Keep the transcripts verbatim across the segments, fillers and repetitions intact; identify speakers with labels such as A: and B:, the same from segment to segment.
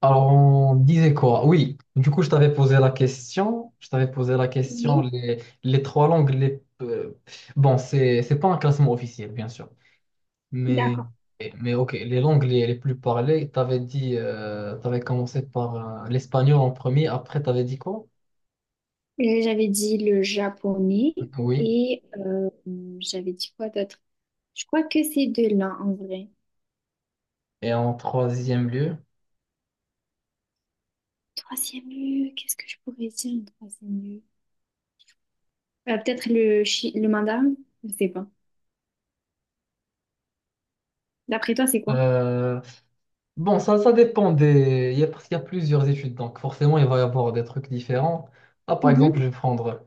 A: Alors, on disait quoi? Oui, du coup, je t'avais posé la question. Je t'avais posé la question,
B: Oui,
A: les, les trois langues, les... euh, bon, c'est, c'est pas un classement officiel, bien sûr. Mais,
B: d'accord.
A: mais ok, les langues les, les plus parlées, t'avais dit, euh, t'avais commencé par euh, l'espagnol en premier, après t'avais dit quoi?
B: Et j'avais dit le japonais
A: Oui.
B: et euh, j'avais dit quoi d'autre? Je crois que c'est deux-là en vrai.
A: Et en troisième lieu,
B: Troisième lieu, qu'est-ce que je pourrais dire en troisième lieu? Euh, peut-être le, chi- le mandarin? Je sais pas. D'après toi, c'est quoi?
A: euh, bon, ça, ça dépend des... Il y a, parce qu'il y a plusieurs études, donc forcément, il va y avoir des trucs différents. Ah, par exemple,
B: Mhm.
A: je vais prendre...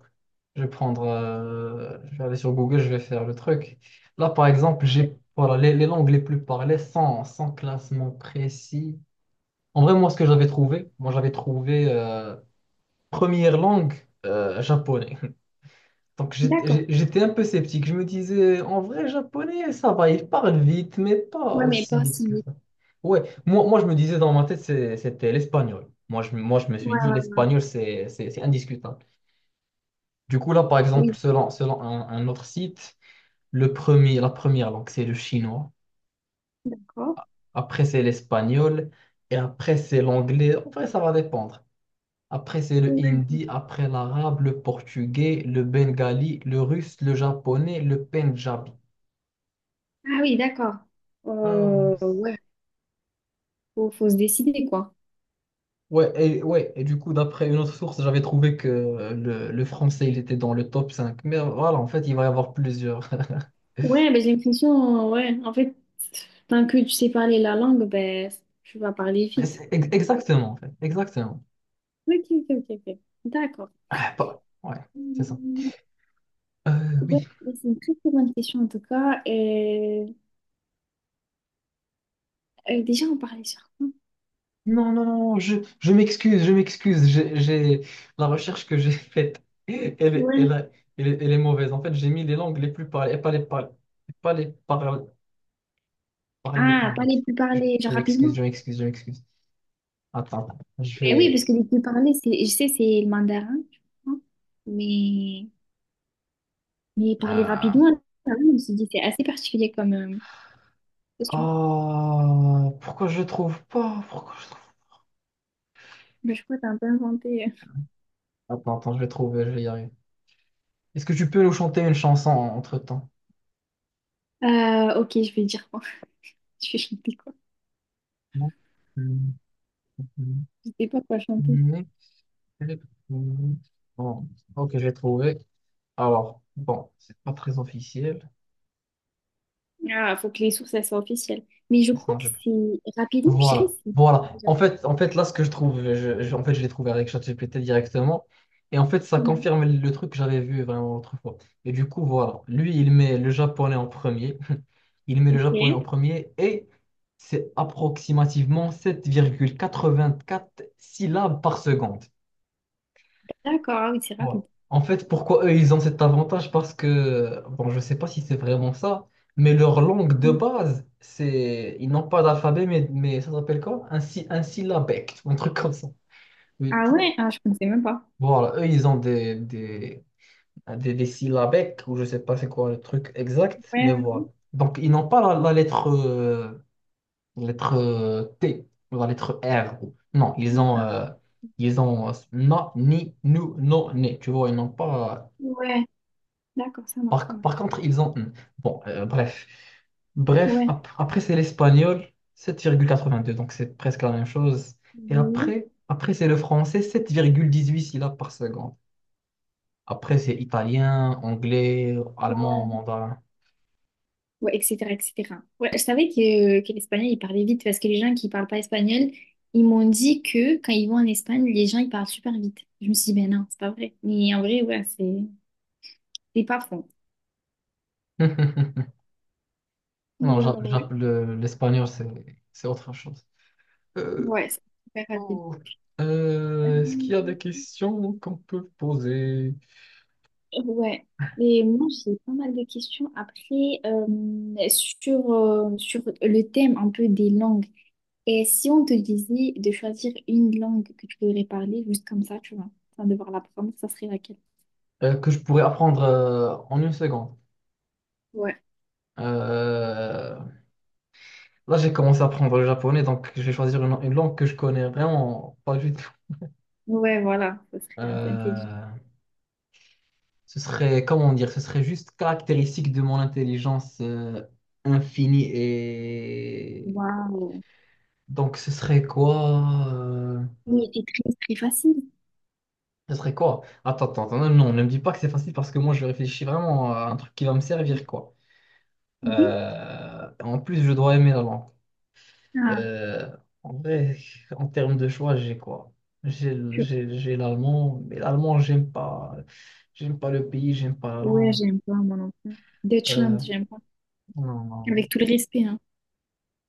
A: Je vais prendre... euh, Je vais aller sur Google, je vais faire le truc. Là, par exemple, j'ai... Voilà, les, les langues les plus parlées sans, sans classement précis. En vrai, moi, ce que j'avais trouvé, moi, j'avais trouvé euh, première langue euh, japonais. Donc
B: D'accord.
A: j'étais j'étais un peu sceptique. Je me disais, en vrai, japonais, ça va, il parle vite, mais pas
B: Ouais, mais
A: aussi
B: pas
A: vite
B: aussi
A: que
B: vite.
A: ça. Ouais, moi, moi je me disais dans ma tête, c'est- c'était l'espagnol. Moi je, moi, je me suis
B: Ouais,
A: dit,
B: ouais,
A: l'espagnol, c'est c'est- c'est indiscutable. Du coup, là, par exemple,
B: oui,
A: selon, selon un, un autre site, le premier, la première langue, c'est le chinois.
B: d'accord.
A: Après, c'est l'espagnol. Et après, c'est l'anglais. En vrai, ça va dépendre. Après, c'est le
B: Ouais.
A: hindi. Après, l'arabe, le portugais, le bengali, le russe, le japonais, le pendjabi.
B: Ah oui, d'accord.
A: Hmm.
B: Euh, ouais, faut, faut se décider, quoi.
A: Ouais, et, ouais, et du coup, d'après une autre source, j'avais trouvé que le, le français, il était dans le top cinq. Mais voilà, en fait, il va y avoir plusieurs.
B: Ouais, ben, j'ai l'impression, ouais, en fait, tant que tu sais parler la langue, ben, tu vas parler vite.
A: C'est ex- exactement, en fait. Exactement.
B: Ok, ok, ok, ok. D'accord.
A: Ah, pas- ouais, c'est ça.
B: Hum.
A: Euh,
B: Ouais,
A: oui.
B: ben, c'est une très très bonne question en tout cas. Euh, euh, déjà, on parlait sur quoi?
A: Non, non, non, je, je m'excuse, je m'excuse. J'ai, j'ai- La recherche que j'ai faite, elle, est-
B: Ouais.
A: elle, a- elle, est elle est mauvaise. En fait, j'ai mis les langues les plus parlées, et pas les, par- pas les par- parlées les
B: Ah,
A: plus
B: pas
A: vite.
B: les plus
A: Je,
B: parlés,
A: je
B: genre
A: m'excuse,
B: rapidement.
A: je m'excuse, je m'excuse. Attends, je
B: Ben oui, parce
A: vais...
B: que les plus parlés, c'est, je sais, c'est le mandarin, je crois. Mais, mais parler
A: euh,
B: rapidement, là, je me suis dit, c'est assez particulier comme euh, question.
A: Ah, pourquoi je trouve pas? Pourquoi je trouve
B: Mais je crois que t'as un peu inventé.
A: pas? Attends, attends, je vais trouver, je vais y arriver. Est-ce que tu peux nous chanter une chanson entre-temps?
B: Euh, ok, je vais dire quoi? Je vais chanter quoi?
A: Non.
B: Je sais pas quoi chanter.
A: Bon, ok, j'ai trouvé. Alors, bon, c'est pas très officiel.
B: Ah, faut que les sources, elles soient officielles. Mais je crois
A: Sinon,
B: que
A: c'est-
B: c'est rapidement, je dirais
A: voilà,
B: c'est.
A: voilà.
B: Déjà.
A: En fait, en fait, là, ce que je trouve, je, je- en fait, je l'ai trouvé avec ChatGPT directement. Et en fait, ça
B: Ouais,
A: confirme le truc que j'avais vu vraiment l'autre fois. Et du coup, voilà. Lui, il met le japonais en premier. Il met le japonais en
B: ok.
A: premier et c'est approximativement sept virgule quatre-vingt-quatre syllabes par seconde.
B: D'accord, ah oui, c'est
A: Voilà.
B: rapide.
A: En fait, pourquoi eux, ils ont cet avantage? Parce que, bon, je ne sais pas si c'est vraiment ça, mais leur langue de
B: Ouais.
A: base, c'est, ils n'ont pas d'alphabet, mais, mais ça s'appelle quoi? Un, sy- un syllabèque, un truc comme ça. Oui,
B: Ah
A: tu
B: ouais,
A: vois.
B: ah, je connaissais même pas.
A: Voilà, eux, ils ont des, des, des, des syllabèques, ou je ne sais pas c'est quoi le truc exact, mais
B: Ouais,
A: voilà. Donc, ils n'ont pas la, la lettre euh, Lettre euh, T ou la lettre R, ou non,
B: ouais,
A: ils ont,
B: ouais.
A: euh, ils ont euh, na, ni, nous, non, né. Tu vois, ils n'ont pas.
B: Ouais, d'accord, ça marche, ça
A: Par, par
B: marche.
A: contre, ils ont n. Bon, euh, bref. Bref,
B: Ouais.
A: ap- après, c'est l'espagnol, sept virgule quatre-vingt-deux. Donc, c'est presque la même chose. Et
B: Ouais,
A: après, après c'est le français, sept virgule dix-huit syllabes par seconde. Après, c'est italien, anglais, allemand, mandarin.
B: ouais, et cetera, et cetera. Ouais, je savais que, que l'espagnol, il parlait vite parce que les gens qui parlent pas espagnol, ils m'ont dit que quand ils vont en Espagne, les gens, ils parlent super vite. Je me suis dit, ben non, c'est pas vrai. Mais en vrai, ouais, c'est c'est pas faux.
A: Non,
B: Ouais,
A: j'a-
B: ouais,
A: j'a-
B: ouais.
A: le- l'espagnol, c'est c'est autre chose. Euh,
B: Ouais, c'est super rapide.
A: Oh. Euh, est-ce qu'il y a
B: Euh,
A: des questions qu'on peut poser
B: Ouais. Et moi, j'ai pas mal de questions. Après, euh, sur, euh, sur le thème un peu des langues. Et si on te disait de choisir une langue que tu voudrais parler, juste comme ça, tu vois, sans devoir l'apprendre, ça serait laquelle?
A: euh, que je pourrais apprendre euh, en une seconde?
B: Ouais.
A: Euh, Là, j'ai commencé à apprendre le japonais, donc je vais choisir une, une langue que je connais vraiment pas du tout.
B: Ouais, voilà, ça serait un peu intelligent.
A: Euh, Ce serait, comment dire, ce serait juste caractéristique de mon intelligence euh, infinie, et
B: Waouh.
A: donc ce serait quoi? euh,
B: Oui, c'est très, très facile.
A: Ce serait quoi? Attends, attends, attends, non, ne me dis pas que c'est facile parce que moi je réfléchis vraiment à un truc qui va me servir, quoi.
B: Oui.
A: Euh, en plus, je dois aimer la langue.
B: Ah,
A: Euh, En vrai, en termes de choix, j'ai quoi? J'ai le-
B: je-
A: j'ai- j'ai l'allemand, mais l'allemand, j'aime pas. J'aime pas le pays, j'aime pas la
B: ouais,
A: langue.
B: j'aime pas, mon enfant. Deutschland,
A: Euh,
B: j'aime pas.
A: non, non.
B: Avec tout le respect, hein.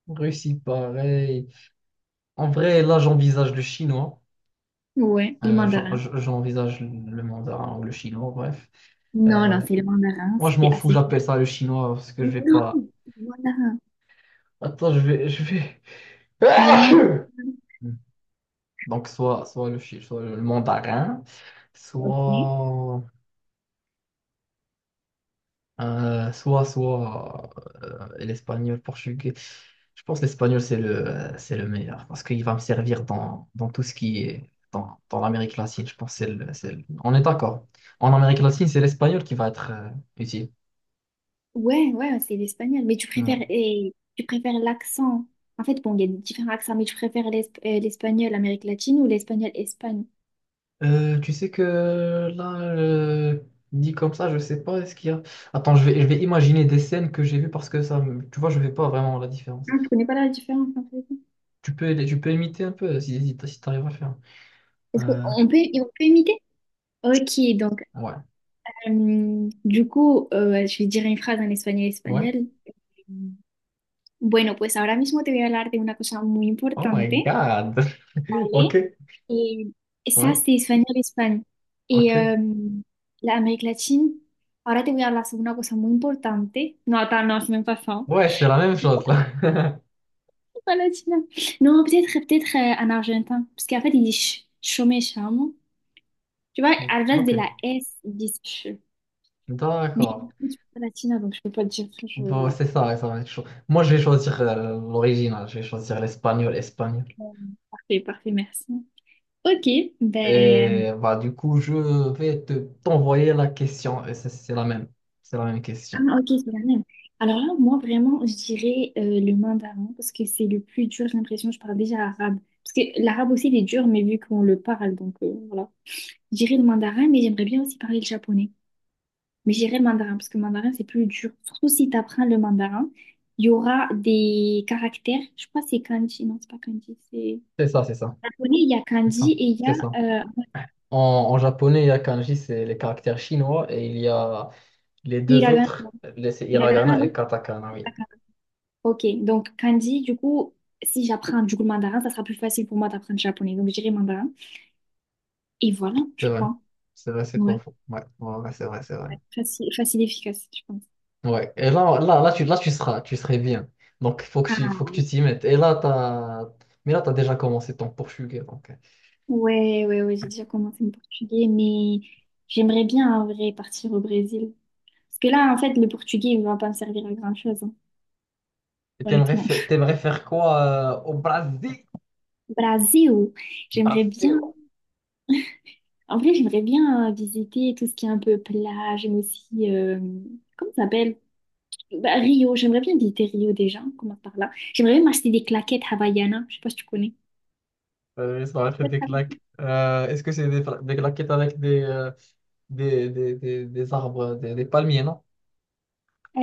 A: Russie, pareil. En vrai, là, j'envisage le chinois.
B: Ouais, le
A: Euh, j'en-
B: mandarin.
A: j'envisage le mandarin ou le chinois, bref.
B: Non,
A: Euh,
B: non, c'est le mandarin.
A: Moi, je m'en
B: C'était
A: fous,
B: assez.
A: j'appelle ça le chinois parce que je vais
B: Non,
A: pas.
B: voilà.
A: Attends, je vais, je vais.
B: Non, non. Non.
A: Donc, soit, soit le, chi- soit le mandarin,
B: Ok.
A: soit, euh, soit, soit euh, l'espagnol, portugais. Je pense que l'espagnol, c'est le, c'est le meilleur parce qu'il va me servir dans, dans tout ce qui est dans, dans l'Amérique latine. Je pense que c'est le- c'est le- on est d'accord. En Amérique latine, c'est l'espagnol qui va être euh, utile.
B: Ouais, ouais, c'est l'espagnol. Mais tu préfères,
A: Ouais.
B: et, tu préfères l'accent. En fait, bon, il y a différents accents, mais tu préfères l'esp- euh, l'espagnol Amérique latine ou l'espagnol Espagne?
A: Euh, tu sais que là, euh, dit comme ça, je sais pas, est-ce qu'il y a... Attends, je vais, je vais imaginer des scènes que j'ai vues parce que ça, me- tu vois, je ne fais pas vraiment la différence.
B: Ah, tu connais pas la différence en fait.
A: Tu peux, tu peux imiter un peu si, si, si t'arrives à le faire.
B: Est-ce
A: Euh,
B: qu'on peut, on peut imiter? Ok, donc,
A: ouais,
B: euh, du coup, euh, je vais dire une phrase en espagnol
A: ouais.
B: espagnol. Bueno, pues ahora mismo te voy a hablar de una cosa muy
A: Oh my
B: importante,
A: God. Ok,
B: ¿vale? Et, et ça,
A: ouais,
B: c'était Espagnol, España. Y
A: ok.
B: em, la América Latina, ahora te voy a hablar sobre una cosa muy importante. No, attends, non, c'est même pas fin.
A: Ouais, c'est la même chose là.
B: Pas la Chine. Non, peut-être peut-être euh, en argentin. Parce qu'en fait, ils disent ch chômé charmant. Tu vois, à la place
A: Ok,
B: de la S, ils disent ch. Mais
A: d'accord.
B: je suis pas latina, donc je peux pas te dire. Je...
A: Bon,
B: ouais.
A: c'est ça, ouais, ça va être chaud. Moi, je vais choisir euh, l'original, je vais choisir l'espagnol, espagnol.
B: Euh, Parfait, parfait, merci. Ok, ben.
A: Et bah, du coup, je vais te t'envoyer la question. Et C'est c'est la même, c'est la même question.
B: Ah, ok, c'est la même. Alors là, moi, vraiment, je dirais euh, le mandarin parce que c'est le plus dur, j'ai l'impression. Je parle déjà arabe. Parce que l'arabe aussi, il est dur, mais vu qu'on le parle, donc euh, voilà. Je dirais le mandarin, mais j'aimerais bien aussi parler le japonais. Mais je dirais le mandarin parce que le mandarin, c'est plus dur. Surtout si tu apprends le mandarin, il y aura des caractères. Je crois que c'est kanji. Non, c'est pas kanji. C'est
A: C'est ça, c'est ça,
B: japonais, il y a
A: c'est
B: kanji
A: ça,
B: et il y
A: c'est ça.
B: a euh,
A: En, en japonais, il y a kanji, c'est les caractères chinois, et il y a les deux
B: hiragana.
A: autres, le- c'est
B: Hiragana,
A: hiragana et
B: non?
A: katakana, oui.
B: Ok, donc Kandi, du coup, si j'apprends du coup le mandarin, ça sera plus facile pour moi d'apprendre le japonais. Donc je dirais mandarin. Et voilà, je
A: C'est vrai.
B: crois.
A: C'est vrai, c'est
B: Ouais,
A: pas faux. Ouais, ouais, ouais, c'est vrai, c'est vrai.
B: facile, facile et efficace, je pense.
A: Ouais. Et là, là, là, tu, là, tu seras, tu serais bien. Donc, faut que tu, faut
B: Ah,
A: que tu t'y mettes. Et là, t'as... Mais là, tu as déjà commencé ton portugais. Donc...
B: ouais, ouais, ouais, j'ai déjà commencé le portugais, mais j'aimerais bien en vrai partir au Brésil. Parce que là, en fait, le portugais, il va pas me servir à grand-chose, hein,
A: Et t'aimerais,
B: honnêtement.
A: fa- t'aimerais faire quoi euh, au Brésil?
B: Brésil, j'aimerais bien.
A: Brasil.
B: En vrai, j'aimerais bien euh, visiter tout ce qui est un peu plage, mais aussi, euh, comment ça s'appelle? Bah, Rio, j'aimerais bien visiter Rio déjà, on commence par là. J'aimerais bien m'acheter des claquettes Havaianas, je sais pas si tu connais.
A: Euh, ça va être des claques. Euh, est-ce que c'est des, fla- des claquettes avec des, euh, des, des, des, des arbres, des, des palmiers, non?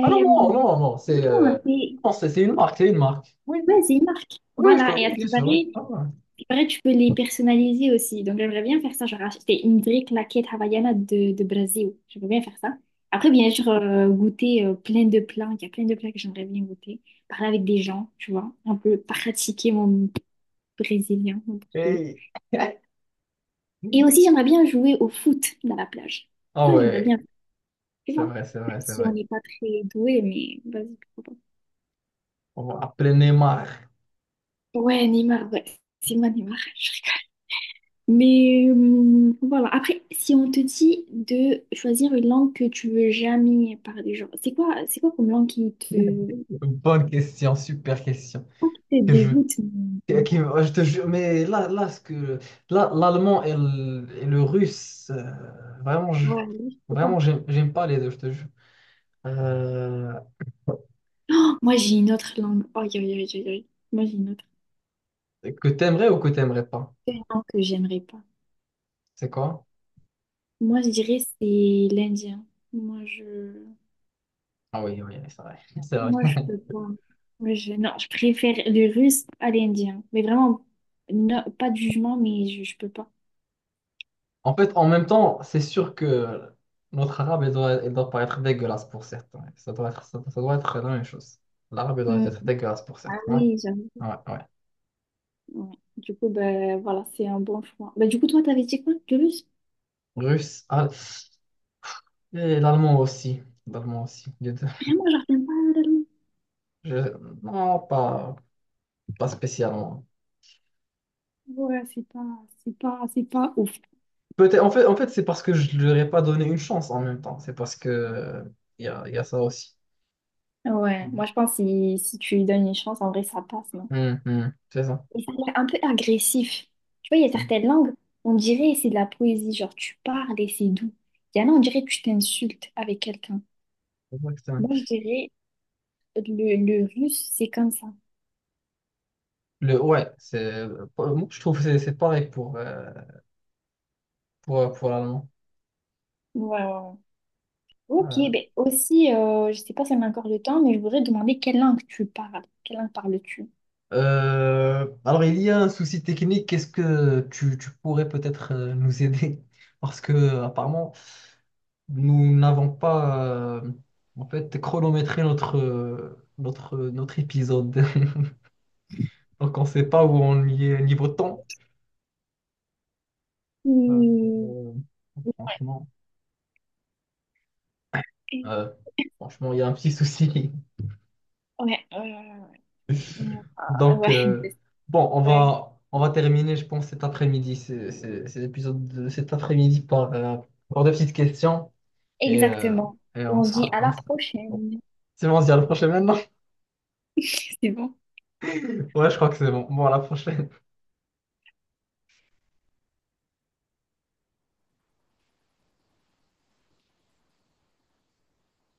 A: Ah non, non, non, non, c'est
B: non,
A: euh,
B: c'est
A: non, c'est c'est une marque, c'est une marque. Oui.
B: ouais, c'est une marque.
A: Oui, oui, je
B: Voilà,
A: connais,
B: et à
A: oui,
B: ce
A: bien
B: qui paraît,
A: sûr. Oui.
B: à
A: Ah ouais.
B: ce qui paraît, tu peux les personnaliser aussi. Donc j'aimerais bien faire ça, genre acheter une vraie claquette Havaiana de, de Brésil. J'aimerais bien faire ça. Après, bien sûr, euh, goûter euh, plein de plats. Il y a plein de plats que j'aimerais bien goûter. Parler avec des gens, tu vois, un peu pratiquer mon brésilien, mon portugais.
A: Hey.
B: Et aussi, j'aimerais bien jouer au foot dans la plage.
A: Ah
B: Ça, j'aimerais
A: ouais,
B: bien. Tu
A: c'est
B: vois,
A: vrai, c'est vrai,
B: même
A: c'est
B: si on
A: vrai.
B: n'est pas très doué, mais vas-y, pourquoi
A: On va appeler Neymar.
B: pas. Ouais, Neymar, ouais. C'est moi, Neymar. Mais euh, voilà, après, si on te dit de choisir une langue que tu veux jamais parler, genre, c'est quoi, c'est quoi comme langue qui te,
A: Bonne question, super question.
B: pas qui te
A: Que je,
B: dégoûte, mais
A: que-
B: t'aimes
A: qui-
B: pas?
A: Ah, je te jure, mais là, là, ce que, là, l'allemand et le, et le russe, euh, vraiment, je,
B: Ouais, je sais pas.
A: vraiment, j'aime, j'aime pas les deux, je te jure. Euh,
B: Oh, moi, j'ai une autre langue. Oh, aïe, aïe, aïe, aïe, aïe. Moi, j'ai une autre.
A: que t'aimerais ou que t'aimerais pas?
B: C'est une langue que j'aimerais pas.
A: C'est quoi?
B: Moi, je dirais c'est l'indien. Moi, je...
A: Ah oui, oui, c'est vrai, c'est vrai.
B: Moi, je peux pas. Moi, je... Non, je préfère le russe à l'indien. Mais vraiment, no- pas de jugement, mais je, je peux pas.
A: En fait, en même temps, c'est sûr que notre arabe, il doit, il doit paraître dégueulasse pour certains. Ça doit être, ça, doit ça doit être la même chose. L'arabe, elle doit
B: Hmm.
A: être dégueulasse pour
B: Ah
A: certains.
B: oui, j'avoue.
A: Ouais, ouais, ouais.
B: Ouais. Du coup, ben voilà, c'est un bon choix. Ben, du coup, toi, t'avais dit quoi, le russe?
A: Russe, al- et l'allemand aussi. L'allemand aussi. Les deux.
B: Vraiment, je retiens pas l'allemand.
A: Je- Non, pas, pas spécialement.
B: Ouais, c'est pas, c'est pas, c'est pas ouf.
A: Peut-être, en fait, en fait c'est parce que je ne leur ai pas donné une chance en même temps. C'est parce que euh, il y a, il y a ça aussi.
B: Ouais,
A: Hum,
B: moi, je pense que si, si tu lui donnes une chance, en vrai, ça passe, non?
A: hum, hum, c'est ça.
B: Et ça a l'air un peu agressif. Tu vois, il y a
A: Hum.
B: certaines langues, on dirait c'est de la poésie, genre tu parles et c'est doux. Il y en a, on dirait que tu t'insultes avec quelqu'un.
A: C'est
B: Moi, je dirais le, le russe, c'est comme ça.
A: Le, ouais, c'est, moi, je trouve que c'est c'est pareil pour, euh, pour, pour l'allemand.
B: Ouais, ouais, ouais. Ok,
A: Voilà.
B: ben aussi, euh, je sais pas si on a encore le temps, mais je voudrais demander quelle langue tu parles. Quelle langue parles-tu?
A: Euh, alors, il y a un souci technique. Est-ce que tu, tu pourrais peut-être euh, nous aider? Parce que, euh, apparemment, nous n'avons pas euh, en fait chronométré notre, euh, notre, euh, notre épisode. Donc, on ne sait pas où on y est niveau temps. Euh,
B: Hmm.
A: euh, franchement,
B: Ouais,
A: euh, franchement, il y a un petit souci.
B: ouais, ouais, ouais, ouais. Ah,
A: Donc,
B: ouais,
A: euh, bon, on
B: ouais,
A: va, on va terminer, je pense, cet après-midi, c'est, c'est- cet épisode de cet après-midi par, euh, par deux petites questions. Et, euh,
B: exactement.
A: et on
B: On se dit
A: sera.
B: à
A: on
B: la
A: sera-
B: prochaine.
A: c'est bon, on se dit à la prochaine maintenant?
B: C'est bon.
A: Ouais, je crois que c'est bon. Bon, à la prochaine.